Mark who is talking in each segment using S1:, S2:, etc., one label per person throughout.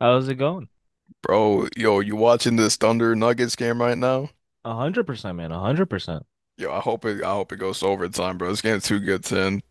S1: How's it going?
S2: Bro, yo, you watching this Thunder Nuggets game right now?
S1: A hundred percent, man. A hundred percent.
S2: Yo, I hope it goes to overtime, bro. This game's too good to end.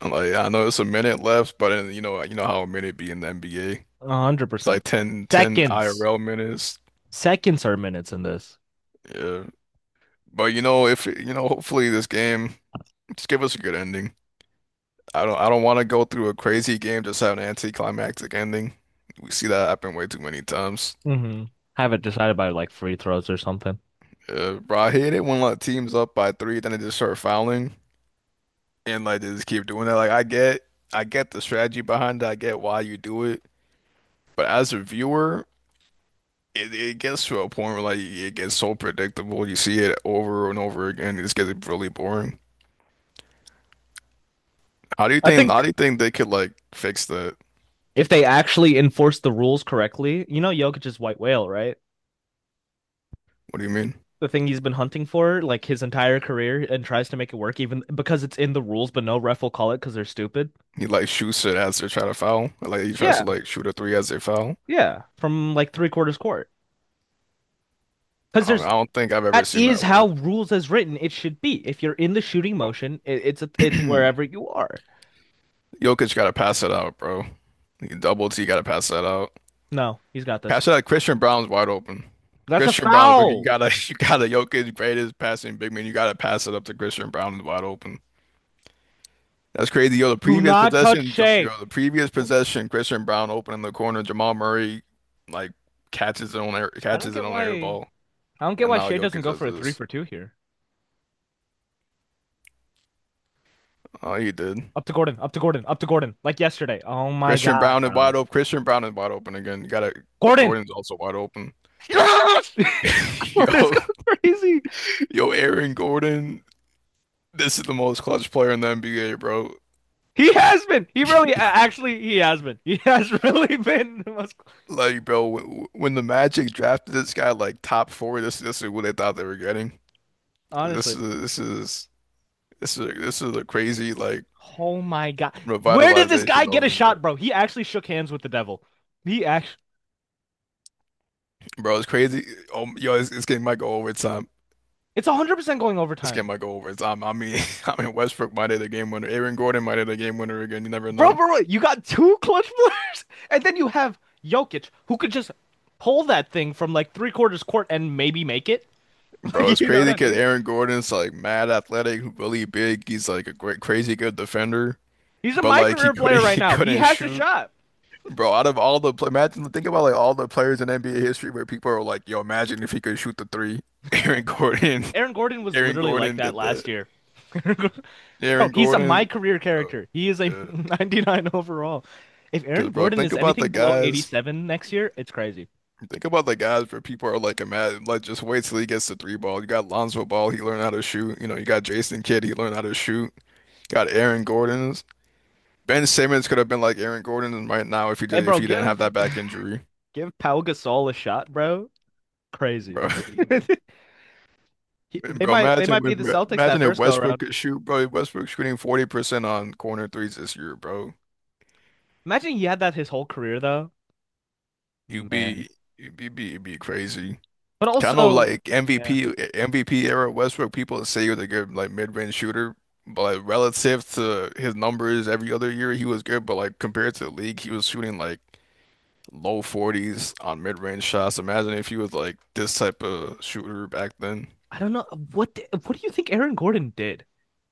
S2: I'm like, I know it's a minute left, but you know how a minute be in the NBA.
S1: A hundred
S2: It's like
S1: percent.
S2: ten
S1: Seconds.
S2: IRL minutes.
S1: Seconds are minutes in this.
S2: Yeah. But you know, if you know, hopefully this game just give us a good ending. I don't want to go through a crazy game just have an anticlimactic ending. We see that happen way too many times.
S1: Mm-hmm. Have it decided by like free throws or something.
S2: Yeah, bro, I hate it when like teams up by three, then they just start fouling, and like they just keep doing that. Like I get the strategy behind it. I get why you do it. But as a viewer, it gets to a point where like it gets so predictable. You see it over and over again. It just gets really boring. How do you
S1: I
S2: think? How
S1: think
S2: do you think they could like fix that?
S1: if they actually enforce the rules correctly, Jokic's white whale, right?
S2: What do you mean?
S1: The thing he's been hunting for like his entire career and tries to make it work even because it's in the rules, but no ref will call it because they're stupid.
S2: He like shoots it as they're trying to foul. Like he tries to
S1: Yeah,
S2: like shoot a three as they foul.
S1: yeah. From like three quarters court. Because there's
S2: I don't think I've ever
S1: That
S2: seen
S1: is
S2: that
S1: how
S2: work.
S1: rules as written it should be. If you're in the shooting motion, it's
S2: Jokic
S1: wherever you are.
S2: gotta pass it out, bro. He Double T gotta pass that out.
S1: No, he's got this.
S2: Pass it out. Christian Brown's wide open.
S1: That's a
S2: Christian Brown's, but you
S1: foul.
S2: gotta, you gotta, Jokic, greatest passing big man. You gotta pass it up to Christian Brown is wide open. That's crazy. Yo, the
S1: Do
S2: previous
S1: not touch
S2: possession,
S1: Shea.
S2: Christian Brown open in the corner. Jamal Murray, like,
S1: I don't
S2: catches it
S1: get
S2: on the
S1: why
S2: air ball.
S1: I don't get
S2: And
S1: why
S2: now
S1: Shea doesn't
S2: Jokic
S1: go
S2: does
S1: for a three
S2: this.
S1: for two here.
S2: Oh, he did.
S1: Up to Gordon, up to Gordon, up to Gordon, like yesterday. Oh my
S2: Christian
S1: God,
S2: Brown is
S1: bro.
S2: wide open. Christian Brown is wide open again. You gotta,
S1: Gordon!
S2: Gordon's also wide open.
S1: Yes! Gordon's
S2: Yo,
S1: going crazy.
S2: yo, Aaron Gordon. This is the most clutch player in the NBA, bro.
S1: He has been. He really, actually, he has been. He has really been the most,
S2: Like, bro, when the Magic drafted this guy like top four, this is what they thought they were getting. This
S1: honestly.
S2: is this is this is a crazy like
S1: Oh my God. Where did this guy
S2: revitalization of
S1: get a
S2: him, bro.
S1: shot, bro? He actually shook hands with the devil. He actually,
S2: Bro, it's crazy. Oh, yo, this game might go overtime.
S1: it's 100% going
S2: This game
S1: overtime.
S2: might go overtime. I mean, I mean Westbrook might hit a game winner. Aaron Gordon might hit a game winner again. You never
S1: Bro,
S2: know,
S1: bro, bro, you got two clutch players, and then you have Jokic, who could just pull that thing from like three quarters court and maybe make it.
S2: bro. It's
S1: You know
S2: crazy
S1: what I
S2: because
S1: mean?
S2: Aaron Gordon's like mad athletic, really big. He's like a great, crazy good defender,
S1: He's a
S2: but
S1: my
S2: like he
S1: career player
S2: couldn't
S1: right
S2: he
S1: now. He
S2: couldn't
S1: has a
S2: shoot.
S1: shot.
S2: Bro, out of all the pla imagine think about like all the players in NBA history where people are like, "Yo, imagine if he could shoot the three. Aaron Gordon,
S1: Aaron Gordon was
S2: Aaron
S1: literally like
S2: Gordon
S1: that
S2: did
S1: last
S2: that.
S1: year. Bro,
S2: Aaron
S1: he's a my
S2: Gordon,
S1: career
S2: bro,
S1: character. He is a
S2: yeah.
S1: 99 overall. If Aaron
S2: Because bro,
S1: Gordon
S2: think
S1: is
S2: about
S1: anything
S2: the
S1: below
S2: guys.
S1: 87 next year, it's crazy.
S2: Think about the guys where people are like, imagine like just wait till he gets the three ball. You got Lonzo Ball, he learned how to shoot. You know, you got Jason Kidd, he learned how to shoot. Got Aaron Gordon's. Ben Simmons could have been like Aaron Gordon right now
S1: Hey,
S2: if
S1: bro,
S2: he didn't have that back injury,
S1: give Pau Gasol a shot, bro. Crazy.
S2: bro.
S1: He-
S2: And
S1: They
S2: bro,
S1: might they might
S2: imagine
S1: be the
S2: if
S1: Celtics that
S2: imagine if
S1: first go
S2: Westbrook
S1: around.
S2: could shoot, bro. Westbrook shooting 40% on corner threes this year, bro.
S1: Imagine he had that his whole career though.
S2: You'd
S1: Man.
S2: be you'd be crazy.
S1: But
S2: Kind of
S1: also,
S2: like
S1: yeah,
S2: MVP era Westbrook, people say he was a good like mid-range shooter, but like, relative to his numbers every other year, he was good, but like compared to the league, he was shooting like low 40s on mid-range shots. Imagine if he was like this type of shooter back then.
S1: I don't know what do you think Aaron Gordon did?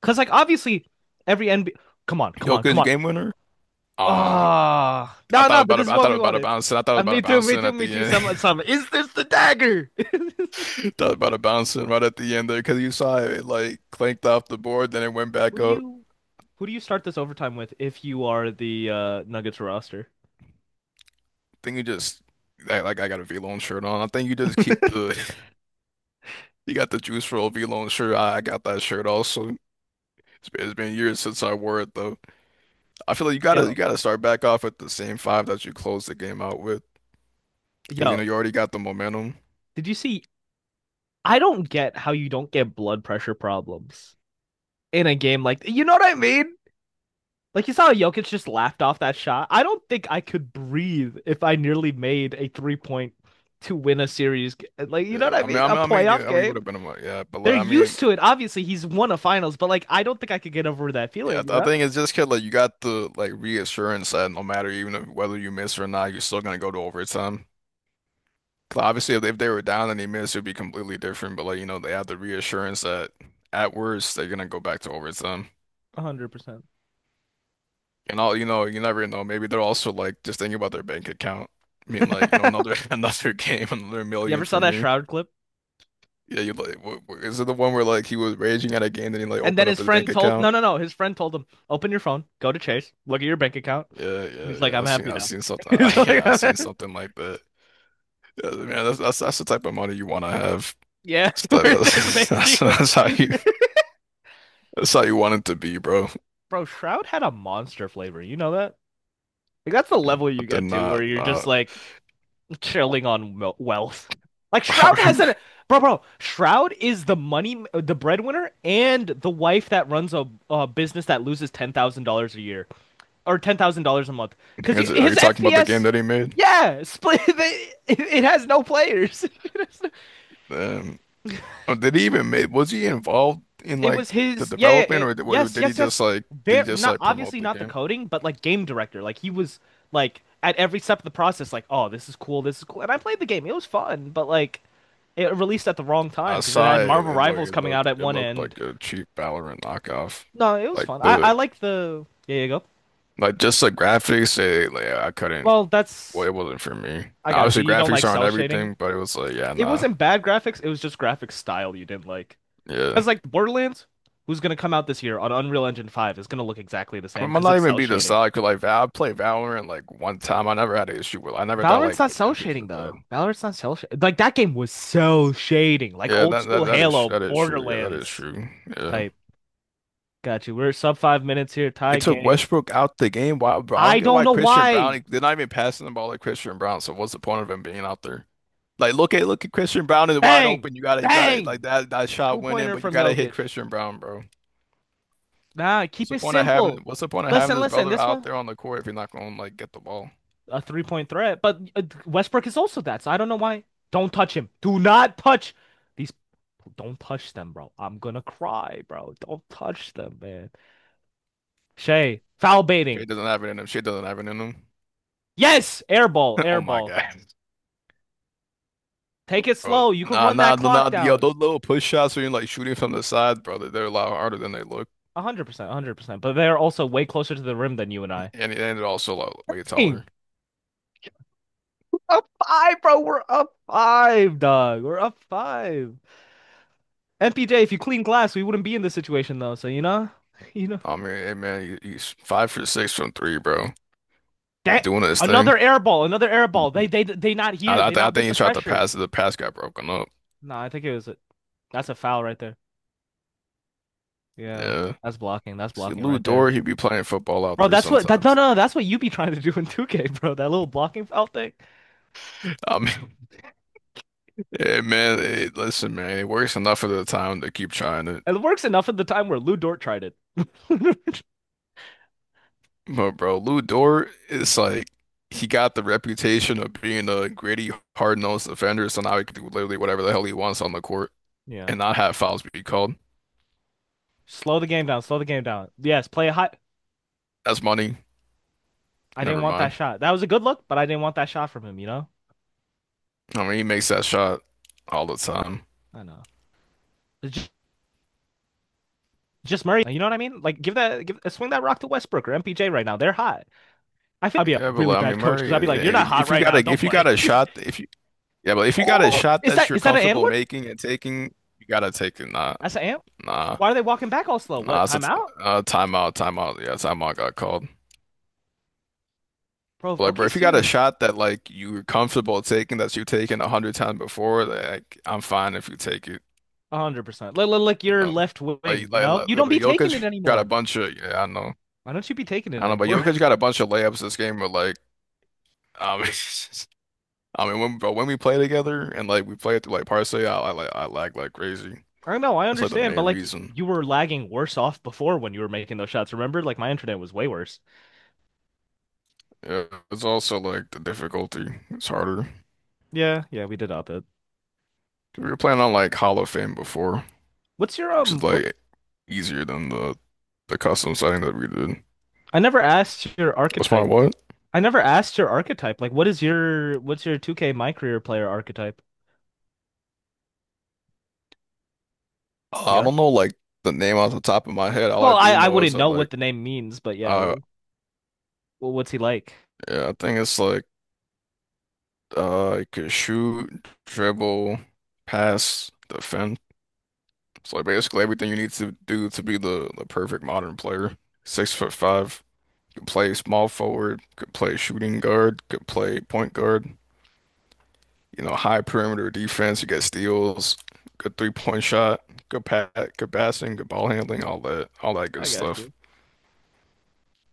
S1: Because like obviously every NBA— come on, come
S2: Yo,
S1: on,
S2: 'cause
S1: come
S2: you
S1: on.
S2: game winner? Ah.
S1: Ah,
S2: I
S1: no,
S2: thought
S1: no, but
S2: about
S1: this
S2: it.
S1: is
S2: I
S1: what
S2: thought
S1: we
S2: about it
S1: wanted.
S2: bouncing. I thought about
S1: Me
S2: it
S1: too, me
S2: bouncing
S1: too,
S2: at
S1: me
S2: the
S1: too.
S2: end.
S1: Some Is this the dagger?
S2: Thought about it bouncing right at the end there because you saw it, like clanked off the board, then it went
S1: Who
S2: back
S1: do
S2: up.
S1: you
S2: I
S1: who do you start this overtime with if you are the Nuggets roster?
S2: think you just I, like I got a V-Lone shirt on. I think you just keep the you got the juice roll V-Lone shirt. I got that shirt also. It's been years since I wore it though. I feel like you gotta you
S1: Yo,
S2: gotta start back off at the same five that you closed the game out with because you know
S1: yo,
S2: you already got the momentum.
S1: did you see— I don't get how you don't get blood pressure problems in a game, like, you know what I mean? Like you saw Jokic just laughed off that shot. I don't think I could breathe if I nearly made a three point to win a series. Like, you know what
S2: Yeah,
S1: I mean? A
S2: I mean,
S1: playoff
S2: yeah, I mean, it would
S1: game.
S2: have been yeah, but
S1: They're
S2: like, I mean,
S1: used to it. Obviously, he's won a finals, but like I don't think I could get over that
S2: yeah,
S1: feeling.
S2: I th-
S1: You
S2: I
S1: know,
S2: think it's just 'cause like you got the like reassurance that no matter even if, whether you miss or not, you're still gonna go to overtime. 'Cause obviously, if they were down and they missed, it'd be completely different. But like you know, they have the reassurance that at worst they're gonna go back to overtime.
S1: 100%.
S2: And all you know, you never know. Maybe they're also like just thinking about their bank account. I mean, like you know, another another game, another
S1: You ever
S2: million
S1: saw
S2: for
S1: that
S2: me.
S1: Shroud clip?
S2: Yeah, you like is it the one where like he was raging at a game, then he like
S1: And then
S2: opened up
S1: his
S2: his bank
S1: friend told— no,
S2: account?
S1: no, no. His friend told him, "Open your phone, go to Chase, look at your bank account."
S2: Yeah,
S1: And
S2: yeah,
S1: he's like,
S2: yeah.
S1: "I'm
S2: I've seen,
S1: happy
S2: I've
S1: now."
S2: seen something.
S1: He's like,
S2: Yeah, I've seen something like that. Yeah, man, that's the type of money you want to have.
S1: yeah, where it just
S2: That's,
S1: makes you.
S2: that's how you want it to be, bro.
S1: Bro, Shroud had a monster flavor. You know that? Like that's the level
S2: I
S1: you
S2: did
S1: get to where
S2: not
S1: you're just
S2: not
S1: like chilling on wel- wealth. Like
S2: I
S1: Shroud has
S2: remember.
S1: an— bro. Shroud is the money, the breadwinner, and the wife that runs a business that loses $10,000 a year or $10,000 a month. Because
S2: Are
S1: his
S2: you talking about the game
S1: FPS,
S2: that he made?
S1: yeah, split. It has no players.
S2: Um, oh, did he even make? Was he involved in
S1: It
S2: like
S1: was
S2: the
S1: his, yeah, yeah,
S2: development,
S1: yeah,
S2: or
S1: yes,
S2: did he
S1: yes,
S2: just
S1: yes.
S2: like
S1: Very not—
S2: promote
S1: obviously
S2: the
S1: not the
S2: game?
S1: coding, but like game director. Like he was like at every step of the process, like, oh, this is cool, this is cool. And I played the game; it was fun, but like, it released at the wrong time
S2: I
S1: because it
S2: saw
S1: had
S2: it.
S1: Marvel Rivals coming out at
S2: It
S1: one
S2: looked
S1: end.
S2: like a cheap Valorant knockoff.
S1: No, it was
S2: Like
S1: fun. I
S2: the
S1: I like the— yeah, you go.
S2: like just the graphics. It, like I couldn't.
S1: Well,
S2: Well,
S1: that's—
S2: it wasn't for me.
S1: I got you.
S2: Obviously,
S1: You don't like
S2: graphics aren't
S1: cell shading.
S2: everything, but it was like yeah,
S1: It
S2: nah.
S1: wasn't bad graphics. It was just graphic style you didn't like.
S2: Yeah.
S1: Because like Borderlands, who's gonna come out this year on Unreal Engine 5 is gonna look exactly the
S2: I
S1: same
S2: mean, I'm
S1: because
S2: not
S1: it's
S2: even
S1: cell
S2: being the
S1: shading.
S2: side because like I played Valorant like one time. I never had an issue with I never thought
S1: Valorant's
S2: like
S1: not
S2: the
S1: cell
S2: graphics
S1: shading
S2: were bad.
S1: though. Valorant's not cell shading. Like that game was cell shading, like
S2: Yeah,
S1: old school Halo,
S2: that is true. Yeah, that is
S1: Borderlands
S2: true. Yeah.
S1: type. Got you. We're sub 5 minutes here, tie
S2: It took
S1: game.
S2: Westbrook out the game. Why, bro? I don't
S1: I
S2: get
S1: don't
S2: why
S1: know
S2: Christian
S1: why.
S2: Brown, they're not even passing the ball like Christian Brown. So what's the point of him being out there? Like look at Christian Brown is wide
S1: Bang,
S2: open. You gotta like
S1: bang,
S2: that
S1: two
S2: shot went in,
S1: pointer
S2: but you
S1: from
S2: gotta hit
S1: Jokic.
S2: Christian Brown, bro.
S1: Nah,
S2: What's
S1: keep
S2: the
S1: it
S2: point of having
S1: simple.
S2: what's the point of having
S1: Listen,
S2: this
S1: listen.
S2: brother
S1: This
S2: out
S1: one
S2: there on the court if you're not gonna like get the ball?
S1: a three point threat, but Westbrook is also that. So I don't know why. Don't touch him. Do not touch these. Don't touch them, bro. I'm gonna cry, bro. Don't touch them, man. Shay, foul
S2: Shea
S1: baiting.
S2: doesn't have it in him. Shea doesn't have it in him.
S1: Yes, air ball, air
S2: Oh my
S1: ball.
S2: God.
S1: Take it
S2: Bro,
S1: slow. You can
S2: nah,
S1: run that
S2: nah, nah,
S1: clock
S2: nah, yo,
S1: down.
S2: those little push shots where you're like shooting from the side, brother, they're a lot harder than they look,
S1: 100%, 100%. But they're also way closer to the rim than you and I.
S2: and they're also a lot way
S1: Dang,
S2: taller.
S1: up five, bro. We're up five, dog. We're up five. MPJ, if you clean glass, we wouldn't be in this situation though. So you know, you know
S2: I mean, hey, man, he's five for six from three, bro. He's
S1: that—
S2: doing his
S1: another
S2: thing.
S1: air ball, another air ball. They not here. They
S2: I
S1: not with
S2: think
S1: the
S2: he tried to
S1: pressure.
S2: pass it. The pass got broken up.
S1: No, I think it was a, That's a foul right there. Yeah,
S2: Yeah.
S1: that's blocking. That's
S2: See,
S1: blocking
S2: Lou
S1: right there,
S2: Dort, he'd be playing football out
S1: bro.
S2: there
S1: That's what that no
S2: sometimes.
S1: no. That's what you be trying to do in 2K, bro. That little blocking foul thing.
S2: I mean, yeah, man, hey, listen, man, it works enough of the time to keep trying.
S1: It works enough at the time where Lou Dort tried it.
S2: But bro, Lou Dort is like he got the reputation of being a gritty, hard-nosed defender, so now he can do literally whatever the hell he wants on the court
S1: Yeah.
S2: and not have fouls be called.
S1: Slow the game down. Slow the game down. Yes, play a hot.
S2: That's money.
S1: I didn't
S2: Never
S1: want that
S2: mind.
S1: shot. That was a good look, but I didn't want that shot from him, you know?
S2: I mean, he makes that shot all the time.
S1: I know. It's ju- just Murray. You know what I mean? Like give that give swing that rock to Westbrook or MPJ right now. They're hot. I feel like I'd be a
S2: Yeah, but
S1: really
S2: like, I mean,
S1: bad coach because
S2: Murray,
S1: I'd be like, "You're not
S2: if,
S1: hot
S2: if you
S1: right
S2: got a
S1: now. Don't
S2: if you got
S1: play."
S2: a
S1: You're...
S2: shot, if you yeah, but if you got a
S1: Oh,
S2: shot that you're
S1: is that an and
S2: comfortable
S1: one?
S2: making and taking, you gotta take it. Nah,
S1: That's an and
S2: nah,
S1: Why are they walking back all slow? What
S2: nah. It's a
S1: timeout?
S2: timeout, timeout. Yeah, timeout got called.
S1: Bro,
S2: Like, bro,
S1: okay,
S2: if you
S1: see
S2: got a
S1: you—
S2: shot that like you're comfortable taking that you've taken a hundred times before, like I'm fine if you take it,
S1: 100%. Like
S2: you
S1: your
S2: know.
S1: left wing, you know? You don't be taking it
S2: Jokic got a
S1: anymore.
S2: bunch of yeah, I know.
S1: Why don't you be taking it
S2: I don't know, but
S1: anymore?
S2: Jokic got a bunch of layups this game but like I mean I mean when but when we play together and like we play through like Parsley, I like I lag like crazy.
S1: I know, I
S2: That's like the
S1: understand, but
S2: main
S1: like
S2: reason.
S1: you were lagging worse off before when you were making those shots. Remember, like my internet was way worse.
S2: Yeah, it's also like the difficulty. It's harder.
S1: Yeah, yeah, we did up it.
S2: We were playing on like Hall of Fame before,
S1: What's your
S2: which is
S1: What—
S2: like easier than the custom setting that we did.
S1: I never asked your
S2: What's my
S1: archetype.
S2: what?
S1: I never asked your archetype. Like, what's your 2K my career player archetype?
S2: I
S1: Yeah.
S2: don't know like the name off the top of my head. All
S1: Well,
S2: I do
S1: I
S2: know is
S1: wouldn't
S2: that
S1: know what
S2: like
S1: the name means, but yeah.
S2: uh
S1: Well, well, what's he like?
S2: yeah, I think it's like you could shoot, dribble, pass, defend. So like basically everything you need to do to be the perfect modern player. 6'5", could play small forward, could play shooting guard, could play point guard, you know, high perimeter defense, you get steals, good 3-point shot, good pat, good passing, good ball handling, all that good
S1: I got
S2: stuff.
S1: you.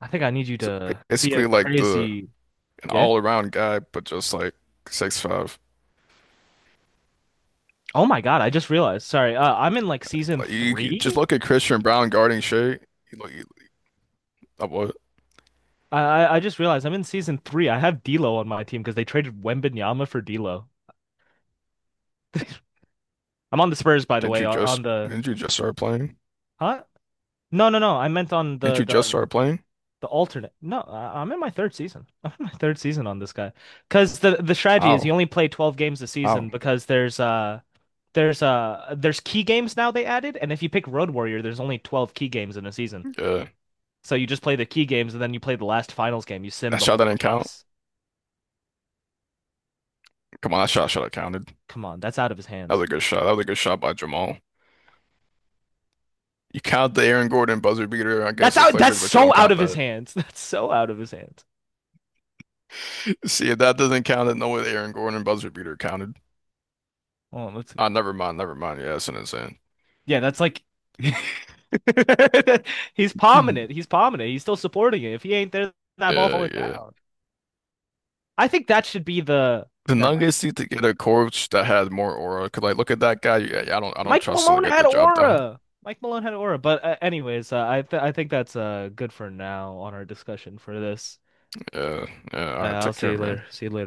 S1: I think I need you
S2: So
S1: to be a
S2: basically like the
S1: crazy.
S2: an
S1: Yeah.
S2: all-around guy, but just like 6'5".
S1: Oh my God, I just realized. Sorry, I'm in like season
S2: Like you just
S1: three—
S2: look at Christian Brown guarding Shea. You look, what?
S1: I just realized I'm in season three. I have D'Lo on my team because they traded Wembanyama for D'Lo. I'm on the Spurs, by the
S2: Didn't
S1: way.
S2: you just
S1: On the—
S2: didn't you just start playing?
S1: huh? No, no, no. I meant on
S2: Didn't
S1: the
S2: you just
S1: the
S2: start playing?
S1: the alternate. No, I, I'm in my third season. I'm in my third season on this guy because the strategy is
S2: Ow,
S1: you only play 12 games a
S2: ow,
S1: season because there's key games now they added, and if you pick Road Warrior, there's only 12 key games in a season.
S2: yeah,
S1: So you just play the key games and then you play the last finals game. You sim
S2: that
S1: the
S2: shot
S1: whole
S2: that didn't count.
S1: playoffs.
S2: Come on, that shot should have counted.
S1: Come on, that's out of his
S2: That
S1: hands.
S2: was a good shot. That was a good shot by Jamal. You count the Aaron Gordon buzzer beater
S1: That's
S2: against the
S1: out. That's
S2: Clippers, but you don't
S1: so out
S2: count
S1: of his
S2: that.
S1: hands. That's so out of his hands.
S2: See, if that doesn't count, then no way the Aaron Gordon buzzer beater counted.
S1: Hold on, let's—
S2: Ah, never mind, never mind. Yeah, that's an insane.
S1: yeah, that's like— he's palming it.
S2: Hmm.
S1: He's palming it. He's still supporting it. If he ain't there, that ball
S2: Yeah,
S1: falling
S2: yeah.
S1: down. I think that should be the—
S2: The
S1: never mind.
S2: Nuggets need to get a coach that had more aura. 'Cause like, look at that guy. Yeah, yeah, I don't
S1: Mike
S2: trust him to
S1: Malone
S2: get
S1: had
S2: the job done.
S1: aura. Mike Malone had aura. But anyways, I think that's good for now on our discussion for this.
S2: Yeah, yeah. All right,
S1: I'll
S2: take
S1: see
S2: care,
S1: you
S2: man.
S1: later. See you later.